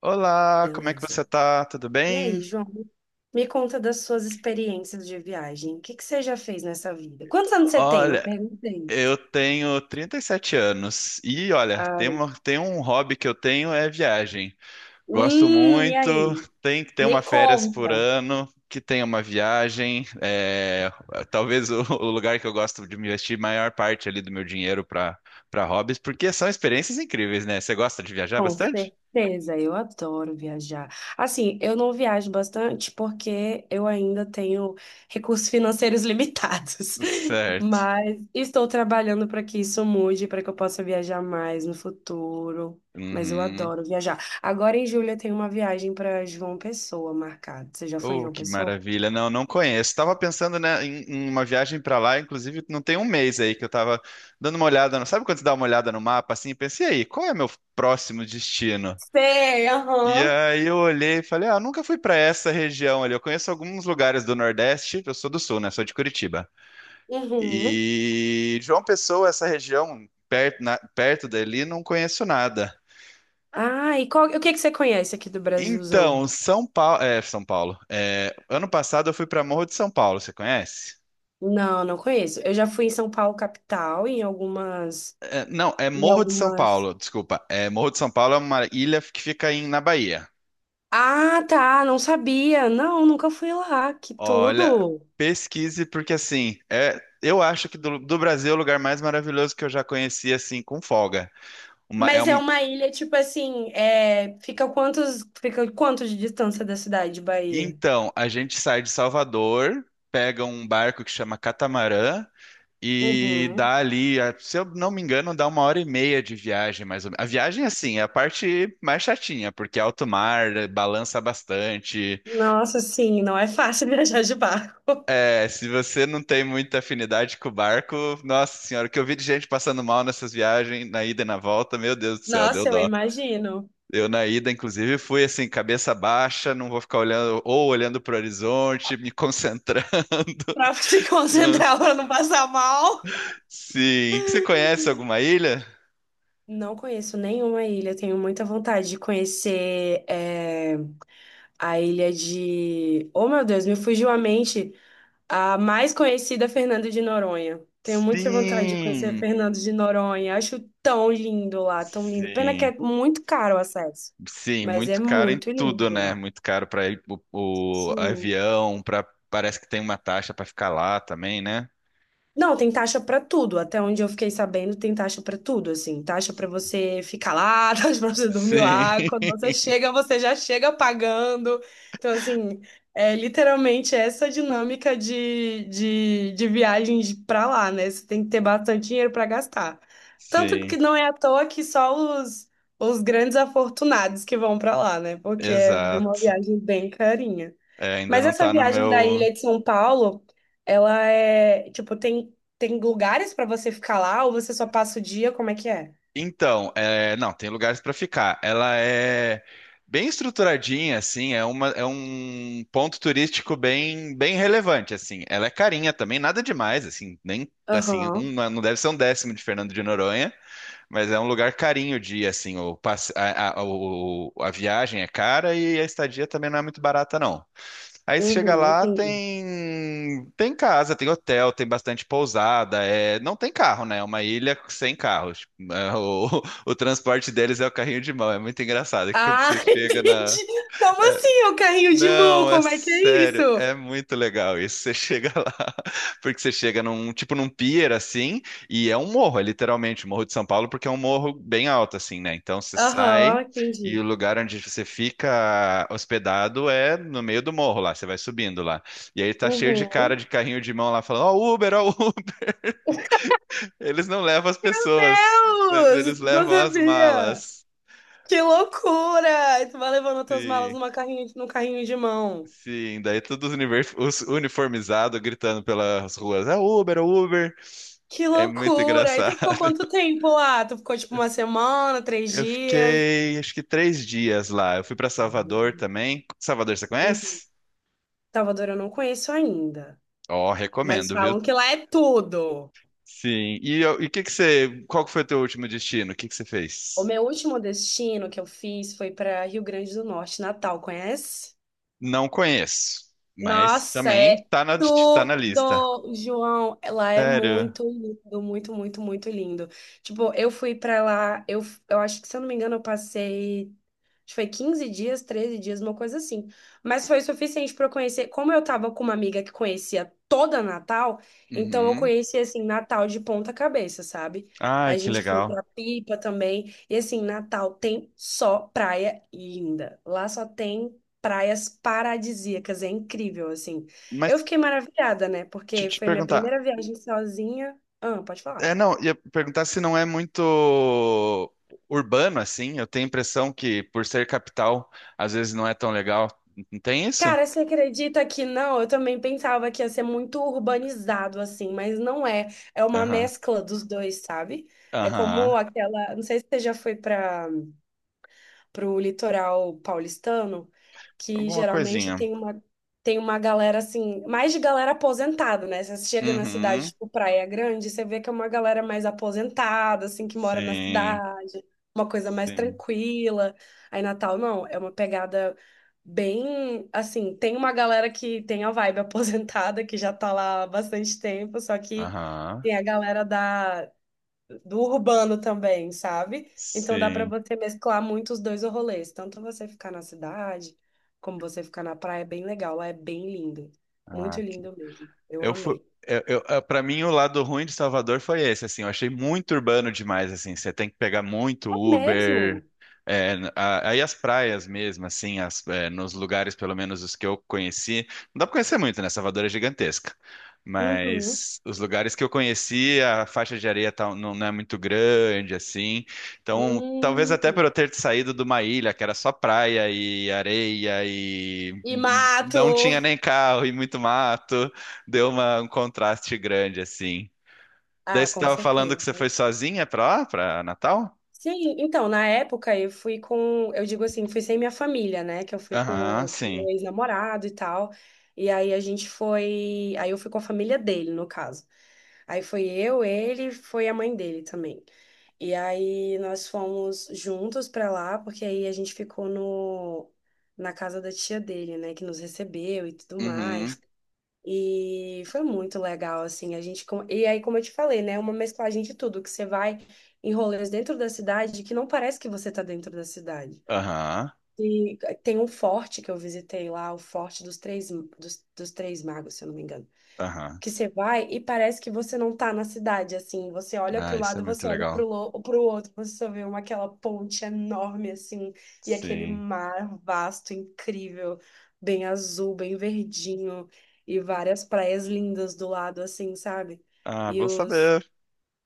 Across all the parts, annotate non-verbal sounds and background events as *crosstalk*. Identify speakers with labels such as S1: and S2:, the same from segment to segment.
S1: Olá, como é que você
S2: Beleza.
S1: tá? Tudo
S2: E
S1: bem?
S2: aí, João, me conta das suas experiências de viagem. O que que você já fez nessa vida? Quantos anos você tem? Não
S1: Olha,
S2: perguntei.
S1: eu tenho 37 anos e olha,
S2: Ai,
S1: tem um hobby que eu tenho é viagem. Gosto
S2: e
S1: muito,
S2: aí?
S1: tem que ter uma
S2: Me
S1: férias por
S2: conta.
S1: ano, que tenha uma viagem. É, talvez *laughs* o lugar que eu gosto de investir maior parte ali do meu dinheiro para hobbies, porque são experiências incríveis, né? Você gosta de viajar
S2: Com
S1: bastante?
S2: certeza, eu adoro viajar. Assim, eu não viajo bastante porque eu ainda tenho recursos financeiros limitados, *laughs*
S1: Certo.
S2: mas estou trabalhando para que isso mude, para que eu possa viajar mais no futuro. Mas eu
S1: Uhum.
S2: adoro viajar. Agora em julho eu tenho uma viagem para João Pessoa marcada. Você já foi em
S1: Oh,
S2: João
S1: que
S2: Pessoa?
S1: maravilha. Não, não conheço. Estava pensando, né, em uma viagem para lá. Inclusive, não tem um mês aí que eu estava dando uma olhada, sabe quando você dá uma olhada no mapa assim, e pensa, e aí, qual é meu próximo destino?
S2: Sei,
S1: E
S2: aham.
S1: aí eu olhei e falei, ah, nunca fui para essa região ali. Eu conheço alguns lugares do Nordeste, eu sou do Sul, né? Sou de Curitiba.
S2: Uhum.
S1: E João Pessoa, essa região perto, perto dali, não conheço nada.
S2: Ah, e qual, o que que você conhece aqui do Brasilzão?
S1: Então, São Paulo. É, ano passado eu fui para Morro de São Paulo, você conhece?
S2: Não, não conheço. Eu já fui em São Paulo, capital, em algumas.
S1: É, não, é
S2: Em
S1: Morro de São
S2: algumas.
S1: Paulo, desculpa. É, Morro de São Paulo é uma ilha que fica na Bahia.
S2: Ah, tá, não sabia. Não, nunca fui lá. Que
S1: Olha,
S2: tudo.
S1: pesquise, porque assim, é, eu acho que do Brasil é o lugar mais maravilhoso que eu já conheci, assim, com folga. Uma- é
S2: Mas é
S1: um-
S2: uma ilha, tipo assim, fica fica quanto de distância da cidade de Bahia?
S1: então, a gente sai de Salvador, pega um barco que chama Catamarã e
S2: Uhum.
S1: dá ali, se eu não me engano, dá uma hora e meia de viagem, mais ou menos. A viagem, assim, é a parte mais chatinha, porque é alto mar, balança bastante.
S2: Nossa, sim, não é fácil *laughs* viajar de barco.
S1: É, se você não tem muita afinidade com o barco, nossa senhora, o que eu vi de gente passando mal nessas viagens, na ida e na volta, meu Deus do céu, deu
S2: Nossa, eu
S1: dó.
S2: imagino.
S1: Eu na ida, inclusive, fui assim, cabeça baixa, não vou ficar olhando, ou olhando para o horizonte, me concentrando.
S2: Pra *laughs* se
S1: *laughs* Não.
S2: concentrar pra não passar mal.
S1: Sim. Você conhece alguma ilha?
S2: Não conheço nenhuma ilha, tenho muita vontade de conhecer a ilha de. Oh, meu Deus, me fugiu a mente. A mais conhecida é Fernando de Noronha. Tenho muita vontade de conhecer
S1: Sim,
S2: Fernando de Noronha. Acho tão lindo lá, tão lindo. Pena que
S1: sim,
S2: é muito caro o acesso,
S1: sim,
S2: mas é
S1: muito caro em
S2: muito
S1: tudo,
S2: lindo
S1: né?
S2: lá.
S1: Muito caro para o
S2: Sim.
S1: avião, para parece que tem uma taxa para ficar lá também, né?
S2: Não, tem taxa pra tudo. Até onde eu fiquei sabendo, tem taxa pra tudo, assim. Taxa pra você ficar lá, *laughs* taxa pra você dormir
S1: Sim.
S2: lá. Quando você chega, você já chega pagando. Então, assim, é literalmente essa dinâmica de viagens pra lá, né? Você tem que ter bastante dinheiro pra gastar. Tanto
S1: Sim,
S2: que não é à toa que só os, os grandes afortunados que vão pra lá, né? Porque é uma
S1: exato.
S2: viagem bem carinha.
S1: É, ainda
S2: Mas
S1: não
S2: essa
S1: tá no
S2: viagem da
S1: meu.
S2: ilha de São Paulo, ela é, tipo, tem lugares pra você ficar lá ou você só passa o dia? Como é que é?
S1: Então, é, não, tem lugares para ficar. Ela é bem estruturadinha, assim, é um ponto turístico bem, bem relevante, assim. Ela é carinha também, nada demais, assim, nem assim,
S2: Aham,
S1: não deve ser um décimo de Fernando de Noronha, mas é um lugar carinho o dia, assim, o, passe- a, o- a viagem é cara e a estadia também não é muito barata, não. Aí você chega
S2: uhum,
S1: lá,
S2: entendi.
S1: tem casa, tem hotel, tem bastante pousada, é, não tem carro, né? É uma ilha sem carros. *laughs* O transporte deles é o carrinho de mão. É muito engraçado que quando
S2: Ah,
S1: você
S2: *laughs*
S1: chega na,
S2: entendi. Como
S1: é,
S2: assim, é o carrinho de mão?
S1: não, é
S2: Como é que é isso?
S1: sério, é muito legal isso. Você chega lá, *laughs* porque você chega num tipo num pier assim, e é um morro, é literalmente o Morro de São Paulo, porque é um morro bem alto assim, né? Então você sai
S2: Aham,
S1: e
S2: entendi.
S1: o lugar onde você fica hospedado é no meio do morro lá, você vai subindo lá. E aí tá cheio de cara
S2: Uhum.
S1: de carrinho de mão lá falando: "Ó, Uber, ó, *laughs* Uber". Eles não levam as pessoas, mas
S2: Deus,
S1: eles
S2: não
S1: levam as
S2: sabia.
S1: malas.
S2: Que loucura! E tu vai levando as tuas malas
S1: Sim.
S2: numa carrinho, num carrinho de mão.
S1: Sim, daí todos os uniformizados gritando pelas ruas, é Uber, é Uber.
S2: Que
S1: É muito
S2: loucura! E tu
S1: engraçado.
S2: ficou quanto
S1: *laughs*
S2: tempo lá? Tu ficou tipo uma semana, três
S1: Eu
S2: dias?
S1: fiquei, acho que 3 dias lá. Eu fui para Salvador também. Salvador, você
S2: Em
S1: conhece?
S2: Salvador eu não conheço ainda,
S1: Ó,
S2: mas
S1: recomendo, viu?
S2: falam que lá é tudo.
S1: Sim. E o que que você, qual que foi o teu último destino? O que que você
S2: O
S1: fez?
S2: meu último destino que eu fiz foi para Rio Grande do Norte, Natal, conhece?
S1: Não conheço, mas
S2: Nossa,
S1: também
S2: é
S1: tá na lista.
S2: tudo, João. Lá é
S1: Sério?
S2: muito lindo, muito, muito, muito lindo. Tipo, eu fui para lá, eu acho que, se eu não me engano, eu passei acho que foi 15 dias, 13 dias, uma coisa assim. Mas foi suficiente para eu conhecer. Como eu tava com uma amiga que conhecia toda Natal, então eu
S1: Uhum.
S2: conheci, assim, Natal de ponta cabeça, sabe?
S1: Ai,
S2: A
S1: que
S2: gente foi
S1: legal.
S2: pra Pipa também. E, assim, Natal tem só praia linda. Lá só tem praias paradisíacas. É incrível, assim. Eu
S1: Mas
S2: fiquei maravilhada, né?
S1: deixa eu
S2: Porque
S1: te
S2: foi minha
S1: perguntar,
S2: primeira viagem sozinha. Ah, pode falar.
S1: é, não, ia perguntar se não é muito urbano assim. Eu tenho a impressão que, por ser capital, às vezes não é tão legal. Não tem isso?
S2: Cara, você acredita que não? Eu também pensava que ia ser muito urbanizado, assim, mas não é. É uma
S1: Aham,
S2: mescla dos dois, sabe? É como
S1: aham.
S2: aquela. Não sei se você já foi pra para o litoral paulistano, que
S1: Alguma
S2: geralmente
S1: coisinha.
S2: tem tem uma galera assim, mais de galera aposentada, né? Você chega na cidade,
S1: Uhum.
S2: tipo Praia Grande, você vê que é uma galera mais aposentada, assim, que mora na
S1: Sim,
S2: cidade, uma coisa mais
S1: sim.
S2: tranquila. Aí Natal, não, é uma pegada bem assim, tem uma galera que tem a vibe *laughs* aposentada, que já tá lá há bastante tempo, só que
S1: Aham,
S2: tem a galera da do urbano também, sabe? Então dá para
S1: sim.
S2: você mesclar muito os dois rolês, tanto você ficar na cidade, como você ficar na praia, é bem legal, lá é bem lindo,
S1: Ah,
S2: muito lindo mesmo. Eu
S1: Eu fui,
S2: amei.
S1: eu, ah, pra mim, o lado ruim de Salvador foi esse, assim, eu achei muito urbano demais, assim, você tem que pegar muito
S2: É
S1: Uber,
S2: mesmo?
S1: é, aí as praias mesmo, assim, as, é, nos lugares, pelo menos os que eu conheci, não dá pra conhecer muito, né, Salvador é gigantesca,
S2: Uhum.
S1: mas os lugares que eu conheci, a faixa de areia não, não é muito grande, assim. Então, talvez até
S2: Hum.
S1: por eu ter saído de uma ilha que era só praia e areia e
S2: E mato.
S1: não tinha nem carro e muito mato, deu um contraste grande, assim. Daí
S2: Ah,
S1: você
S2: com
S1: tava falando que
S2: certeza.
S1: você foi sozinha pra lá, pra Natal?
S2: Sim, então, na época eu fui com, eu digo assim, fui sem minha família, né? Que eu fui
S1: Aham,
S2: com meu
S1: sim.
S2: ex-namorado e tal. E aí a gente foi, aí eu fui com a família dele, no caso. Aí foi eu, ele, foi a mãe dele também. E aí nós fomos juntos pra lá, porque aí a gente ficou no na casa da tia dele, né, que nos recebeu e tudo
S1: Uhum,
S2: mais. E foi muito legal, assim, a gente... com- E aí, como eu te falei, né, uma mesclagem de tudo, que você vai em rolês dentro da cidade que não parece que você tá dentro da cidade.
S1: aham,
S2: E eh, tem um forte que eu visitei lá, o Forte dos Três, dos, dos Três Magos, se eu não me engano,
S1: aham.
S2: que você vai e parece que você não tá na cidade, assim. Você olha
S1: Ah,
S2: pro
S1: isso é
S2: lado,
S1: muito
S2: você olha
S1: legal.
S2: pro outro, você só vê uma, aquela ponte enorme, assim, e aquele
S1: Sim.
S2: mar vasto, incrível, bem azul, bem verdinho, e várias praias lindas do lado, assim, sabe?
S1: Ah,
S2: E
S1: bom saber.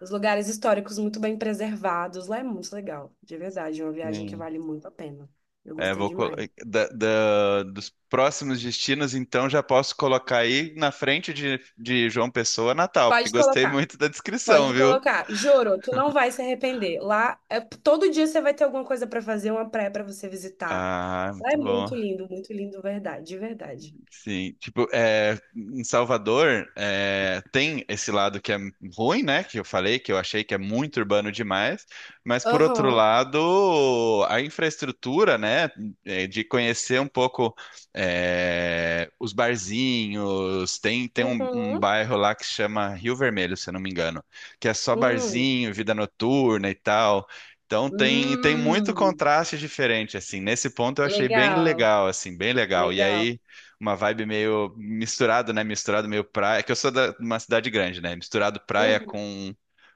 S2: os lugares históricos muito bem preservados. Lá é muito legal, de verdade, é uma viagem que
S1: Sim.
S2: vale muito a pena. Eu
S1: É,
S2: gostei
S1: vou col-
S2: demais.
S1: da- da- dos próximos destinos, então já posso colocar aí na frente de João Pessoa, Natal, porque
S2: Pode
S1: gostei
S2: colocar.
S1: muito da descrição,
S2: Pode
S1: viu?
S2: colocar. Juro, tu não vai se arrepender. Lá, é, todo dia você vai ter alguma coisa pra fazer, uma praia pra você visitar.
S1: Ah,
S2: Lá é
S1: muito bom.
S2: muito lindo, verdade, de verdade.
S1: Sim, tipo, é, em Salvador é, tem esse lado que é ruim, né? Que eu falei, que eu achei que é muito urbano demais, mas por outro
S2: Aham.
S1: lado, a infraestrutura, né? É, de conhecer um pouco é, os barzinhos, tem um
S2: Uhum.
S1: bairro lá que chama Rio Vermelho, se eu não me engano, que é só
S2: Hum.
S1: barzinho, vida noturna e tal. Então tem muito
S2: Hum.
S1: contraste diferente, assim. Nesse ponto eu achei bem
S2: Legal,
S1: legal, assim, bem legal. E
S2: legal.
S1: aí uma vibe meio misturado, né? Misturado meio praia. É que eu sou de uma cidade grande, né? Misturado praia
S2: Uhum.
S1: com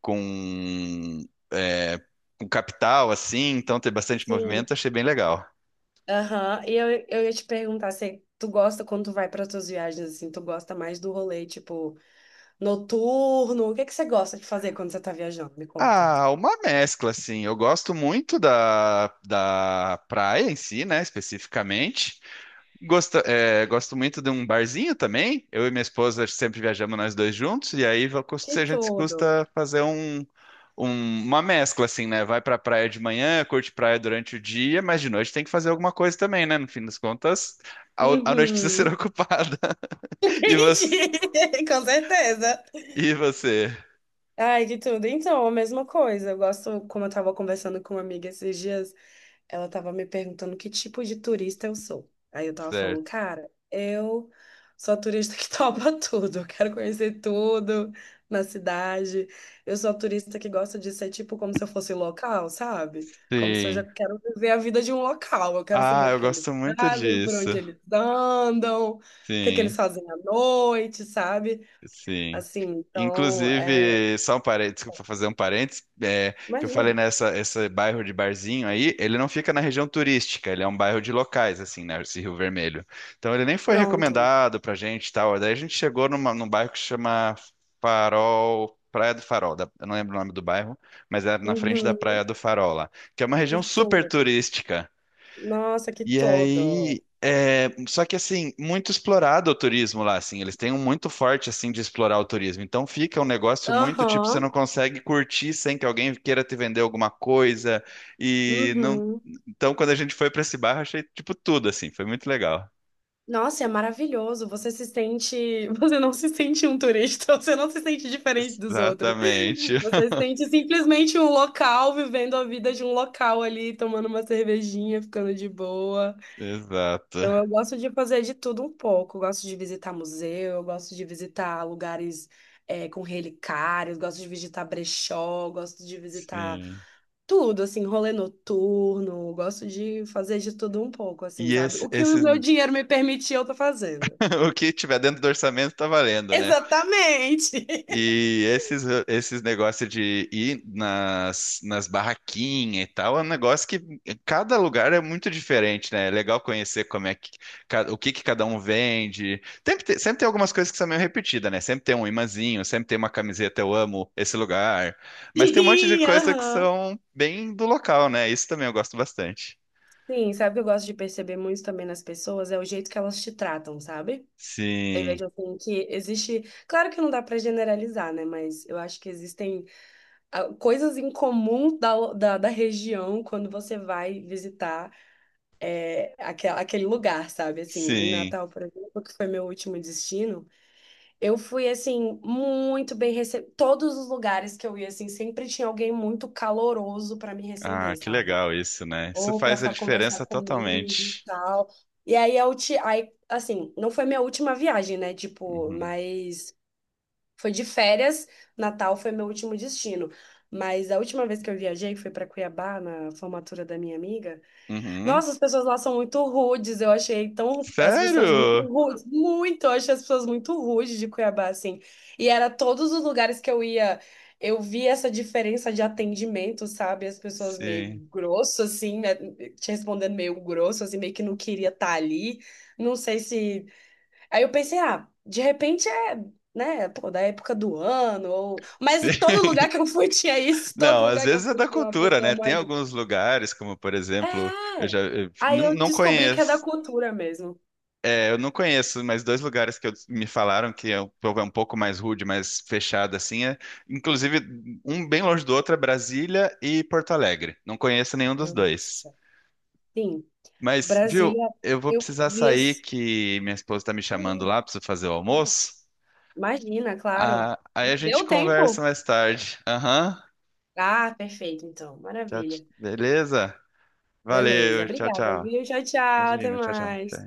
S1: com é, com capital, assim. Então tem bastante
S2: Sim.
S1: movimento. Achei bem legal.
S2: Aham. E eu ia te perguntar se tu gosta quando tu vai para tuas viagens assim, tu gosta mais do rolê tipo noturno? O que que você gosta de fazer quando você tá viajando? Me conta.
S1: Ah, uma mescla, assim. Eu gosto muito da praia em si, né? Especificamente. Gosto muito de um barzinho também. Eu e minha esposa sempre viajamos nós dois juntos, e aí a
S2: Que
S1: gente
S2: tudo.
S1: custa fazer uma mescla, assim, né? Vai pra praia de manhã, curte praia durante o dia, mas de noite tem que fazer alguma coisa também, né? No fim das contas, a noite precisa ser *laughs*
S2: Uhum.
S1: ocupada. E você?
S2: Entendi, *laughs* com certeza.
S1: E você?
S2: Ai, de tudo. Então, a mesma coisa. Eu gosto, como eu tava conversando com uma amiga esses dias, ela tava me perguntando que tipo de turista eu sou. Aí eu tava falando,
S1: Certo.
S2: cara, eu sou a turista que *laughs* topa tudo. Eu quero conhecer tudo na cidade. Eu sou a turista que gosta de ser tipo como se eu fosse local, sabe? Como se eu já
S1: Sim.
S2: quero viver a vida de um local. Eu quero saber
S1: Ah,
S2: o que
S1: eu
S2: que eles
S1: gosto muito
S2: fazem, por
S1: disso.
S2: onde eles andam, o que que
S1: Sim,
S2: eles fazem à noite, sabe?
S1: sim.
S2: Assim, então, é,
S1: Inclusive, só um parênteses, desculpa fazer um parênteses, é, que eu falei
S2: imagina.
S1: esse bairro de barzinho aí, ele não fica na região turística, ele é um bairro de locais, assim, né, esse Rio Vermelho. Então ele nem foi
S2: Pronto.
S1: recomendado pra gente e tal, daí a gente chegou num bairro que se chama Farol, Praia do Farol, eu não lembro o nome do bairro, mas era na frente da
S2: Uhum.
S1: Praia do Farol lá, que é uma
S2: Que
S1: região super
S2: tudo.
S1: turística.
S2: Nossa, que
S1: E
S2: tudo.
S1: aí, é, só que assim, muito explorado o turismo lá, assim, eles têm um muito forte assim de explorar o turismo. Então fica um negócio muito tipo, você não
S2: Aham.
S1: consegue curtir sem que alguém queira te vender alguma coisa. E não,
S2: Uhum.
S1: então quando a gente foi para esse bar, eu achei tipo tudo assim, foi muito legal.
S2: Nossa, é maravilhoso. Você se sente. *laughs* Você não se sente um turista, *laughs* você não se sente diferente dos outros.
S1: Exatamente. *laughs*
S2: Você se sente simplesmente um local, vivendo a vida de um local ali, tomando uma cervejinha, ficando de boa.
S1: Exato.
S2: Então, eu gosto de fazer de tudo um pouco. Eu gosto de visitar museu, eu gosto de visitar lugares eh, com relicários, gosto de visitar brechó, gosto de visitar
S1: Sim.
S2: tudo, assim, rolê noturno. Gosto de fazer de tudo um pouco, assim,
S1: E
S2: sabe?
S1: esse,
S2: O que o
S1: esses,
S2: meu
S1: *laughs*
S2: dinheiro me permitir, eu tô fazendo.
S1: o que tiver dentro do orçamento tá valendo, né?
S2: Exatamente! *laughs*
S1: E esses negócios de ir nas barraquinhas e tal, é um negócio que cada lugar é muito diferente, né? É legal conhecer como é que, o que que cada um vende. Sempre tem algumas coisas que são meio repetidas, né? Sempre tem um imãzinho, sempre tem uma camiseta, eu amo esse lugar. Mas tem um monte de
S2: Sim,
S1: coisa que
S2: aham.
S1: são bem do local, né? Isso também eu gosto bastante.
S2: Sim, sabe o que eu gosto de perceber muito também nas pessoas? É o jeito que elas te tratam, sabe? Eu
S1: Sim,
S2: vejo assim que existe. Claro que não dá pra generalizar, né? Mas eu acho que existem a- coisas em comum da região quando você vai visitar aquele lugar, sabe? Assim, em
S1: sim.
S2: Natal, por exemplo, que foi meu último destino, eu fui, assim, muito bem recebida. Todos os lugares que eu ia, assim, sempre tinha alguém muito caloroso para me
S1: Ah,
S2: receber,
S1: que
S2: sabe?
S1: legal isso, né? Isso
S2: Ou para
S1: faz a
S2: conversar
S1: diferença
S2: comigo e
S1: totalmente.
S2: tal. E aí, eu te... aí, assim, não foi minha última viagem, né? Tipo,
S1: Uhum.
S2: mas foi de férias, Natal foi meu último destino. Mas a última vez que eu viajei foi para Cuiabá, na formatura da minha amiga.
S1: Uhum.
S2: Nossa, as pessoas lá são muito rudes. Eu achei tão. As pessoas muito
S1: Sério?
S2: rudes. Muito! Eu achei as pessoas muito rudes de Cuiabá, assim. E era todos os lugares que eu ia. Eu vi essa diferença de atendimento, sabe? As pessoas meio
S1: Sim.
S2: grosso, assim, né? Te respondendo meio grosso, assim, meio que não queria estar ali. Não sei se aí eu pensei, ah, de repente é, né, pô, da época do ano, ou... Mas
S1: Sim.
S2: em todo lugar
S1: *laughs*
S2: que eu fui *laughs* tinha isso, todo
S1: Não, às
S2: lugar que eu
S1: vezes é
S2: fui
S1: da
S2: tinha uma
S1: cultura,
S2: pessoa
S1: né? Tem
S2: mais... do-
S1: alguns lugares, como por exemplo, eu
S2: É!
S1: já eu
S2: Aí
S1: não,
S2: eu
S1: não
S2: descobri que é da
S1: conheço.
S2: cultura mesmo.
S1: É, eu não conheço, mas dois lugares que me falaram que é um povo é um pouco mais rude, mais fechado assim, é, inclusive um bem longe do outro é Brasília e Porto Alegre. Não conheço nenhum dos dois.
S2: Nossa, sim.
S1: Mas, viu,
S2: Brasília,
S1: eu vou
S2: eu
S1: precisar
S2: vi
S1: sair
S2: esse...
S1: que minha esposa tá me chamando
S2: Imagina,
S1: lá, preciso fazer o
S2: claro.
S1: almoço.
S2: Imagina, claro.
S1: Ah, aí a
S2: Já
S1: gente
S2: deu
S1: conversa
S2: tempo?
S1: mais tarde. Aham.
S2: Ah, perfeito, então.
S1: Tchau,
S2: Maravilha.
S1: beleza?
S2: Beleza,
S1: Valeu, tchau,
S2: obrigada,
S1: tchau.
S2: viu? Tchau, tchau, até
S1: Imagina, tchau, tchau.
S2: mais.